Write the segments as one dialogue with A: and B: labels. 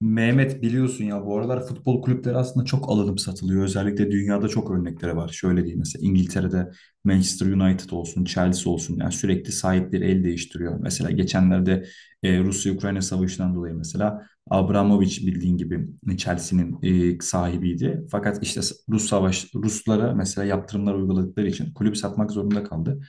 A: Mehmet biliyorsun ya bu aralar futbol kulüpleri aslında çok alınıp satılıyor. Özellikle dünyada çok örnekleri var. Şöyle diyeyim, mesela İngiltere'de Manchester United olsun, Chelsea olsun, yani sürekli sahipleri el değiştiriyor. Mesela geçenlerde Rusya-Ukrayna savaşından dolayı mesela Abramovich bildiğin gibi Chelsea'nin sahibiydi. Fakat işte Ruslara mesela yaptırımlar uyguladıkları için kulüp satmak zorunda kaldı.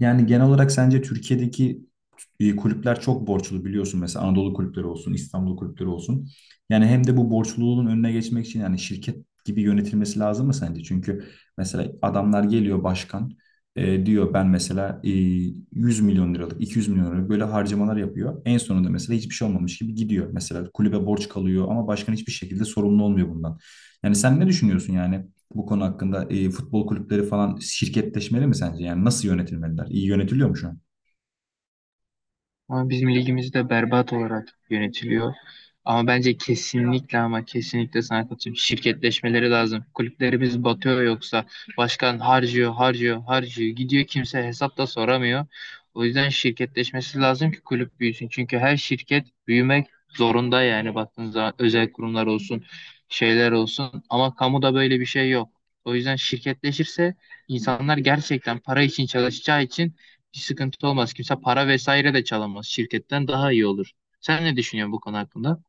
A: Yani genel olarak sence Türkiye'deki kulüpler çok borçlu, biliyorsun, mesela Anadolu kulüpleri olsun, İstanbul kulüpleri olsun. Yani hem de bu borçluluğun önüne geçmek için yani şirket gibi yönetilmesi lazım mı sence? Çünkü mesela adamlar geliyor başkan, diyor ben mesela 100 milyon liralık, 200 milyon liralık böyle harcamalar yapıyor. En sonunda mesela hiçbir şey olmamış gibi gidiyor. Mesela kulübe borç kalıyor ama başkan hiçbir şekilde sorumlu olmuyor bundan. Yani sen ne düşünüyorsun yani? Bu konu hakkında futbol kulüpleri falan şirketleşmeli mi sence? Yani nasıl yönetilmeliler? İyi yönetiliyor mu şu an?
B: Ama bizim ligimiz de berbat olarak yönetiliyor. Ama bence kesinlikle ama kesinlikle sana katılıyorum. Şirketleşmeleri lazım. Kulüplerimiz batıyor yoksa başkan harcıyor, harcıyor, harcıyor. Gidiyor kimse hesap da soramıyor. O yüzden şirketleşmesi lazım ki kulüp büyüsün. Çünkü her şirket büyümek zorunda yani baktığınız zaman özel kurumlar olsun, şeyler olsun. Ama kamuda böyle bir şey yok. O yüzden şirketleşirse insanlar gerçekten para için çalışacağı için hiç sıkıntı olmaz. Kimse para vesaire de çalamaz. Şirketten daha iyi olur. Sen ne düşünüyorsun bu konu hakkında?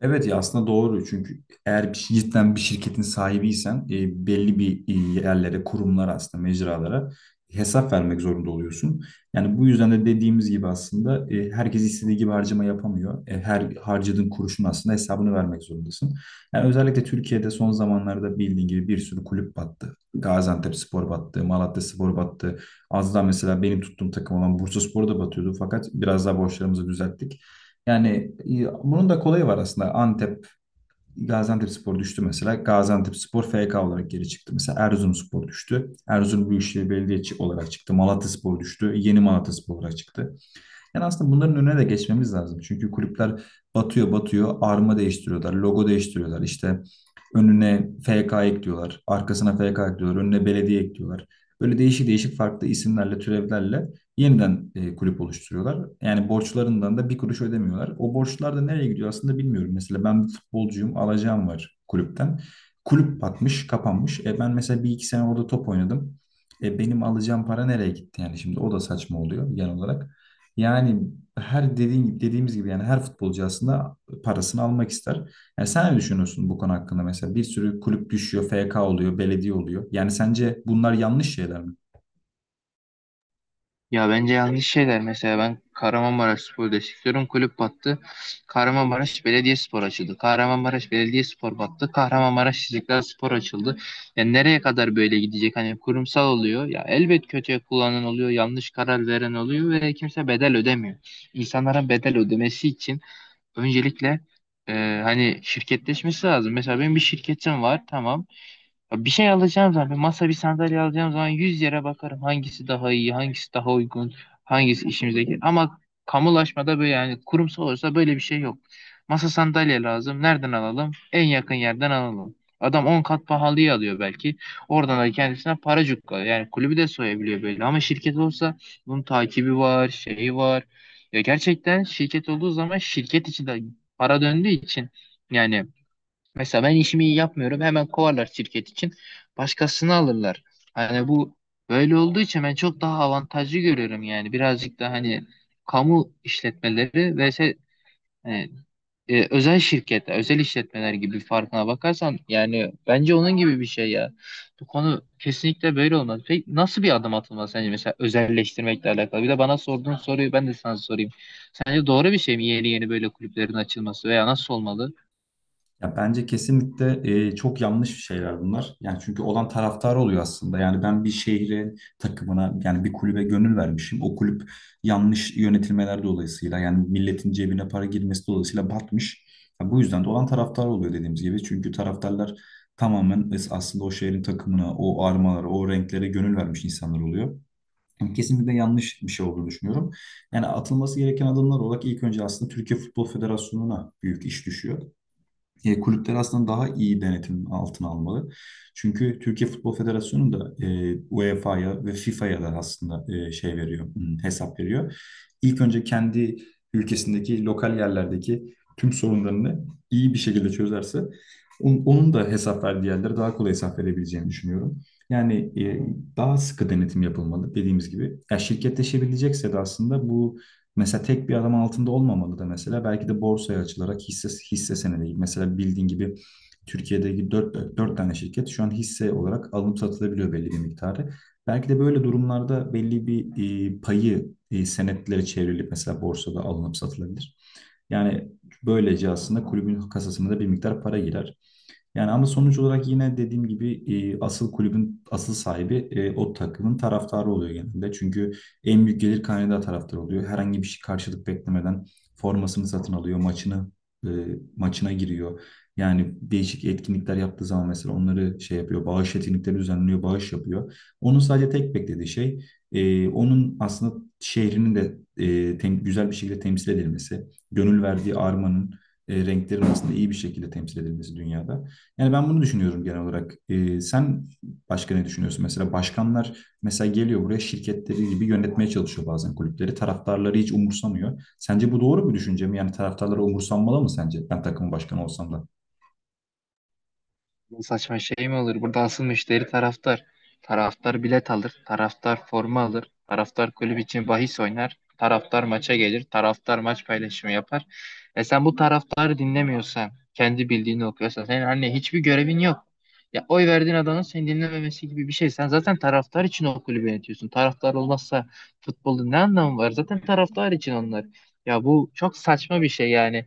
A: Evet ya, aslında doğru, çünkü eğer cidden bir şirketin sahibiysen belli bir yerlere, kurumlara, aslında mecralara hesap vermek zorunda oluyorsun. Yani bu yüzden de dediğimiz gibi aslında herkes istediği gibi harcama yapamıyor. Her harcadığın kuruşun aslında hesabını vermek zorundasın. Yani özellikle Türkiye'de son zamanlarda bildiğin gibi bir sürü kulüp battı. Gaziantepspor battı, Malatyaspor battı. Az daha mesela benim tuttuğum takım olan Bursaspor da batıyordu fakat biraz daha borçlarımızı düzelttik. Yani bunun da kolayı var aslında. Antep, Gaziantepspor düştü mesela. Gaziantepspor FK olarak geri çıktı. Mesela Erzurumspor düştü. Erzurum Büyükşehir Belediyesi olarak çıktı. Malatyaspor düştü. Yeni Malatyaspor olarak çıktı. Yani aslında bunların önüne de geçmemiz lazım. Çünkü kulüpler batıyor batıyor, arma değiştiriyorlar, logo değiştiriyorlar. İşte önüne FK ekliyorlar, arkasına FK ekliyorlar, önüne belediye ekliyorlar. Böyle değişik değişik farklı isimlerle, türevlerle yeniden kulüp oluşturuyorlar. Yani borçlarından da bir kuruş ödemiyorlar. O borçlar da nereye gidiyor aslında bilmiyorum. Mesela ben bir futbolcuyum, alacağım var kulüpten. Kulüp batmış, kapanmış. Ben mesela bir iki sene orada top oynadım. Benim alacağım para nereye gitti yani? Şimdi o da saçma oluyor genel olarak. Yani her dediğin gibi dediğimiz gibi yani her futbolcu aslında parasını almak ister. Yani sen ne düşünüyorsun bu konu hakkında mesela? Bir sürü kulüp düşüyor, FK oluyor, belediye oluyor. Yani sence bunlar yanlış şeyler mi?
B: Ya bence yanlış şeyler. Mesela ben Kahramanmaraş Spor destekliyorum. Kulüp battı. Kahramanmaraş Belediyespor açıldı. Kahramanmaraş Belediyespor battı. Kahramanmaraş İstiklal Spor açıldı. Ya nereye kadar böyle gidecek? Hani kurumsal oluyor. Ya elbet kötüye kullanan oluyor. Yanlış karar veren oluyor ve kimse bedel ödemiyor. İnsanların bedel ödemesi için öncelikle e, hani şirketleşmesi lazım. Mesela benim bir şirketim var. Tamam. Ya bir şey alacağım zaman, bir masa bir sandalye alacağım zaman 100 yere bakarım. Hangisi daha iyi, hangisi daha uygun, hangisi işimize gelir. Ama kamulaşmada böyle yani kurumsal olursa böyle bir şey yok. Masa sandalye lazım. Nereden alalım? En yakın yerden alalım. Adam 10 kat pahalıya alıyor belki. Oradan da kendisine para cukka. Yani kulübü de soyabiliyor böyle. Ama şirket olsa bunun takibi var, şeyi var. Ya gerçekten şirket olduğu zaman şirket içi de para döndüğü için yani mesela ben işimi iyi yapmıyorum hemen kovarlar şirket için başkasını alırlar. Hani bu böyle olduğu için ben çok daha avantajlı görüyorum yani birazcık da hani kamu işletmeleri ve e, özel şirketler, özel işletmeler gibi farkına bakarsan yani bence onun gibi bir şey ya. Bu konu kesinlikle böyle olmaz. Peki nasıl bir adım atılmalı sence mesela özelleştirmekle alakalı? Bir de bana sorduğun soruyu ben de sana sorayım. Sence doğru bir şey mi yeni yeni böyle kulüplerin açılması veya nasıl olmalı?
A: Ya, bence kesinlikle çok yanlış şeyler bunlar. Yani çünkü olan taraftar oluyor aslında. Yani ben bir şehre, takımına, yani bir kulübe gönül vermişim. O kulüp yanlış yönetilmeler dolayısıyla, yani milletin cebine para girmesi dolayısıyla batmış. Ya, bu yüzden de olan taraftar oluyor dediğimiz gibi. Çünkü taraftarlar tamamen aslında o şehrin takımına, o armalara, o renklere gönül vermiş insanlar oluyor. Yani kesinlikle yanlış bir şey olduğunu düşünüyorum. Yani atılması gereken adımlar olarak ilk önce aslında Türkiye Futbol Federasyonu'na büyük iş düşüyor. Kulüpler aslında daha iyi denetim altına almalı. Çünkü Türkiye Futbol Federasyonu da UEFA'ya ve FIFA'ya da aslında hesap veriyor. İlk önce kendi ülkesindeki lokal yerlerdeki tüm sorunlarını iyi bir şekilde çözerse onun da hesap verdiği yerlere daha kolay hesap verebileceğini düşünüyorum. Yani e, daha sıkı denetim yapılmalı dediğimiz gibi. Ya şirketleşebilecekse de aslında. Mesela tek bir adam altında olmamalı da mesela belki de borsaya açılarak hisse, hisse senedi gibi. Mesela bildiğin gibi Türkiye'deki dört tane şirket şu an hisse olarak alınıp satılabiliyor belli bir miktarı. Belki de böyle durumlarda belli bir payı senetlere çevrilip mesela borsada alınıp satılabilir. Yani böylece aslında kulübün kasasına da bir miktar para girer. Yani ama sonuç olarak yine dediğim gibi asıl kulübün asıl sahibi o takımın taraftarı oluyor genelde. Çünkü en büyük gelir kaynağı da taraftar oluyor. Herhangi bir şey karşılık beklemeden formasını satın alıyor, e, maçına giriyor. Yani değişik etkinlikler yaptığı zaman mesela onları şey yapıyor, bağış etkinlikleri düzenliyor, bağış yapıyor. Onun sadece tek beklediği şey onun aslında şehrinin de güzel bir şekilde temsil edilmesi, gönül verdiği armanın renklerin aslında iyi bir şekilde temsil edilmesi dünyada. Yani ben bunu düşünüyorum genel olarak. Sen başka ne düşünüyorsun? Mesela başkanlar mesela geliyor buraya, şirketleri gibi yönetmeye çalışıyor bazen kulüpleri. Taraftarları hiç umursamıyor. Sence bu doğru bir düşünce mi? Yani taraftarları umursanmalı mı sence? Ben takımın başkanı olsam da.
B: Bu saçma şey mi olur? Burada asıl müşteri taraftar. Taraftar bilet alır, taraftar forma alır, taraftar kulüp için bahis oynar, taraftar maça gelir, taraftar maç paylaşımı yapar. E sen bu taraftarı dinlemiyorsan, kendi bildiğini okuyorsan, senin anne hiçbir görevin yok. Ya oy verdiğin adamın seni dinlememesi gibi bir şey. Sen zaten taraftar için o kulübü yönetiyorsun. Taraftar olmazsa futbolun ne anlamı var? Zaten taraftar için onlar. Ya bu çok saçma bir şey yani.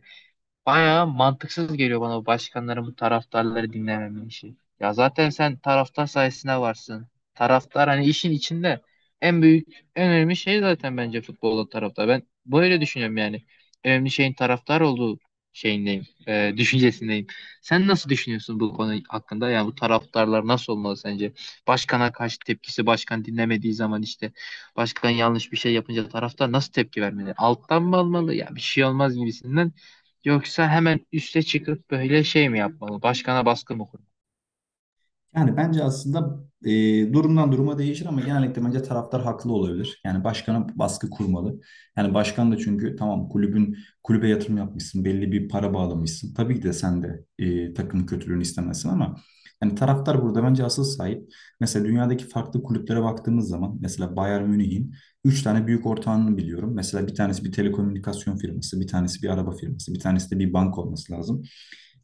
B: Bayağı mantıksız geliyor bana bu başkanların bu taraftarları dinlememe işi. Ya zaten sen taraftar sayesinde varsın. Taraftar hani işin içinde en büyük, en önemli şey zaten bence futbolda taraftar. Ben böyle düşünüyorum yani. En önemli şeyin taraftar olduğu düşüncesindeyim. Sen nasıl düşünüyorsun bu konu hakkında? Yani bu taraftarlar nasıl olmalı sence? Başkana karşı tepkisi, başkan dinlemediği zaman işte başkan yanlış bir şey yapınca taraftar nasıl tepki vermeli? Alttan mı almalı? Ya bir şey olmaz gibisinden. Yoksa hemen üste çıkıp böyle şey mi yapmalı? Başkana baskı mı kurmalı?
A: Yani bence aslında durumdan duruma değişir ama genellikle bence taraftar haklı olabilir. Yani başkana baskı kurmalı. Yani başkan da çünkü tamam, kulübe yatırım yapmışsın, belli bir para bağlamışsın. Tabii ki de sen de takımın kötülüğünü istemezsin ama yani taraftar burada bence asıl sahip. Mesela dünyadaki farklı kulüplere baktığımız zaman mesela Bayern Münih'in 3 tane büyük ortağını biliyorum. Mesela bir tanesi bir telekomünikasyon firması, bir tanesi bir araba firması, bir tanesi de bir banka olması lazım.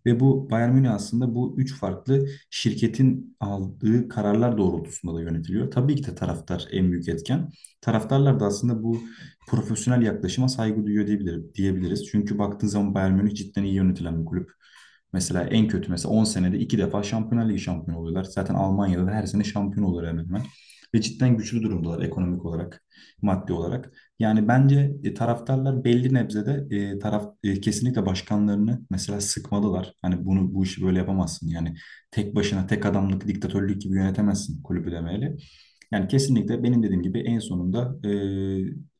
A: Ve bu Bayern Münih aslında bu üç farklı şirketin aldığı kararlar doğrultusunda da yönetiliyor. Tabii ki de taraftar en büyük etken. Taraftarlar da aslında bu profesyonel yaklaşıma saygı duyuyor diyebilir, diyebiliriz. Çünkü baktığın zaman Bayern Münih cidden iyi yönetilen bir kulüp. Mesela en kötü mesela 10 senede iki defa Şampiyonlar Ligi şampiyonu oluyorlar. Zaten Almanya'da da her sene şampiyon oluyorlar hemen hemen. Ve cidden güçlü durumdalar ekonomik olarak, maddi olarak. Yani bence taraftarlar belli nebzede kesinlikle başkanlarını mesela sıkmalılar. Hani bunu, bu işi böyle yapamazsın. Yani tek başına tek adamlık, diktatörlük gibi yönetemezsin kulübü demeli. Yani kesinlikle benim dediğim gibi en sonunda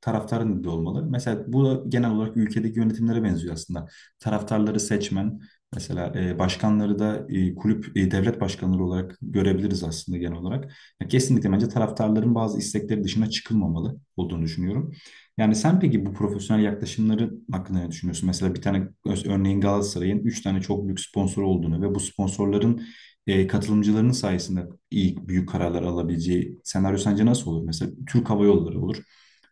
A: taraftarın dediği olmalı. Mesela bu da genel olarak ülkedeki yönetimlere benziyor aslında. Taraftarları seçmen, mesela başkanları da devlet başkanları olarak görebiliriz aslında genel olarak. Ya kesinlikle bence taraftarların bazı istekleri dışına çıkılmamalı olduğunu düşünüyorum. Yani sen peki bu profesyonel yaklaşımları hakkında ne düşünüyorsun? Mesela bir tane örneğin Galatasaray'ın 3 tane çok büyük sponsoru olduğunu ve bu sponsorların katılımcılarının sayesinde iyi, büyük kararlar alabileceği senaryo sence nasıl olur? Mesela Türk Hava Yolları olur.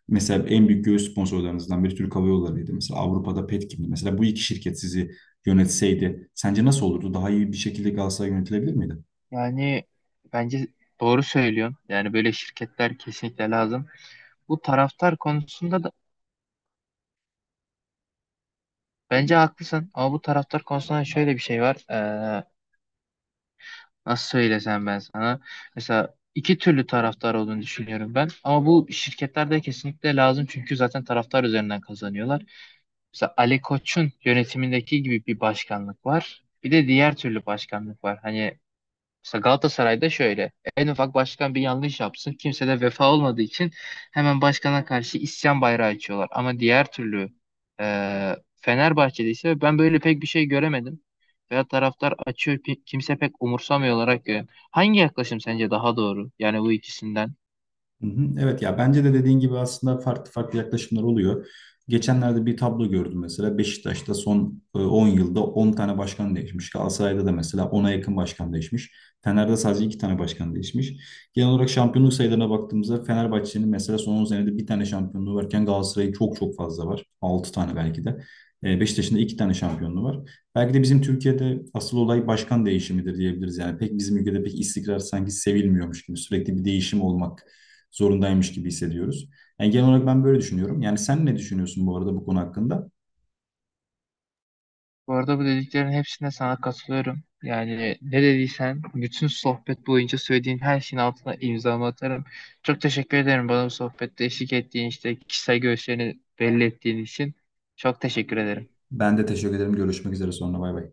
A: Mesela en büyük göğüs sponsorlarınızdan biri Türk Hava Yolları'ydı. Mesela Avrupa'da Petkim'di. Mesela bu iki şirket sizi yönetseydi sence nasıl olurdu? Daha iyi bir şekilde Galatasaray yönetilebilir miydi?
B: Yani bence doğru söylüyorsun. Yani böyle şirketler kesinlikle lazım. Bu taraftar konusunda da bence haklısın. Ama bu taraftar konusunda şöyle bir şey var. Nasıl söylesem ben sana? Mesela iki türlü taraftar olduğunu düşünüyorum ben. Ama bu şirketlerde kesinlikle lazım. Çünkü zaten taraftar üzerinden kazanıyorlar. Mesela Ali Koç'un yönetimindeki gibi bir başkanlık var. Bir de diğer türlü başkanlık var. Hani mesela Galatasaray'da şöyle en ufak başkan bir yanlış yapsın kimse de vefa olmadığı için hemen başkana karşı isyan bayrağı açıyorlar. Ama diğer türlü Fenerbahçe'de ise ben böyle pek bir şey göremedim. Veya taraftar açıyor kimse pek umursamıyor olarak görüyorum. Hangi yaklaşım sence daha doğru? Yani bu ikisinden.
A: Hı hı, evet ya, bence de dediğin gibi aslında farklı farklı yaklaşımlar oluyor. Geçenlerde bir tablo gördüm, mesela Beşiktaş'ta son 10 yılda 10 tane başkan değişmiş. Galatasaray'da da mesela ona yakın başkan değişmiş. Fener'de sadece 2 tane başkan değişmiş. Genel olarak şampiyonluk sayılarına baktığımızda Fenerbahçe'nin mesela son 10 senede bir tane şampiyonluğu varken Galatasaray'ın çok çok fazla var. 6 tane belki de. Beşiktaş'ın da 2 tane şampiyonluğu var. Belki de bizim Türkiye'de asıl olay başkan değişimidir diyebiliriz. Yani pek bizim ülkede pek istikrar sanki sevilmiyormuş gibi, sürekli bir değişim olmak zorundaymış gibi hissediyoruz. Yani genel olarak ben böyle düşünüyorum. Yani sen ne düşünüyorsun bu arada bu konu hakkında?
B: Bu arada bu dediklerin hepsine sana katılıyorum. Yani ne dediysen bütün sohbet boyunca söylediğin her şeyin altına imzamı atarım. Çok teşekkür ederim bana bu sohbette eşlik ettiğin işte kişisel görüşlerini belli ettiğin için. Çok teşekkür ederim.
A: Ben de teşekkür ederim. Görüşmek üzere sonra. Bay bay.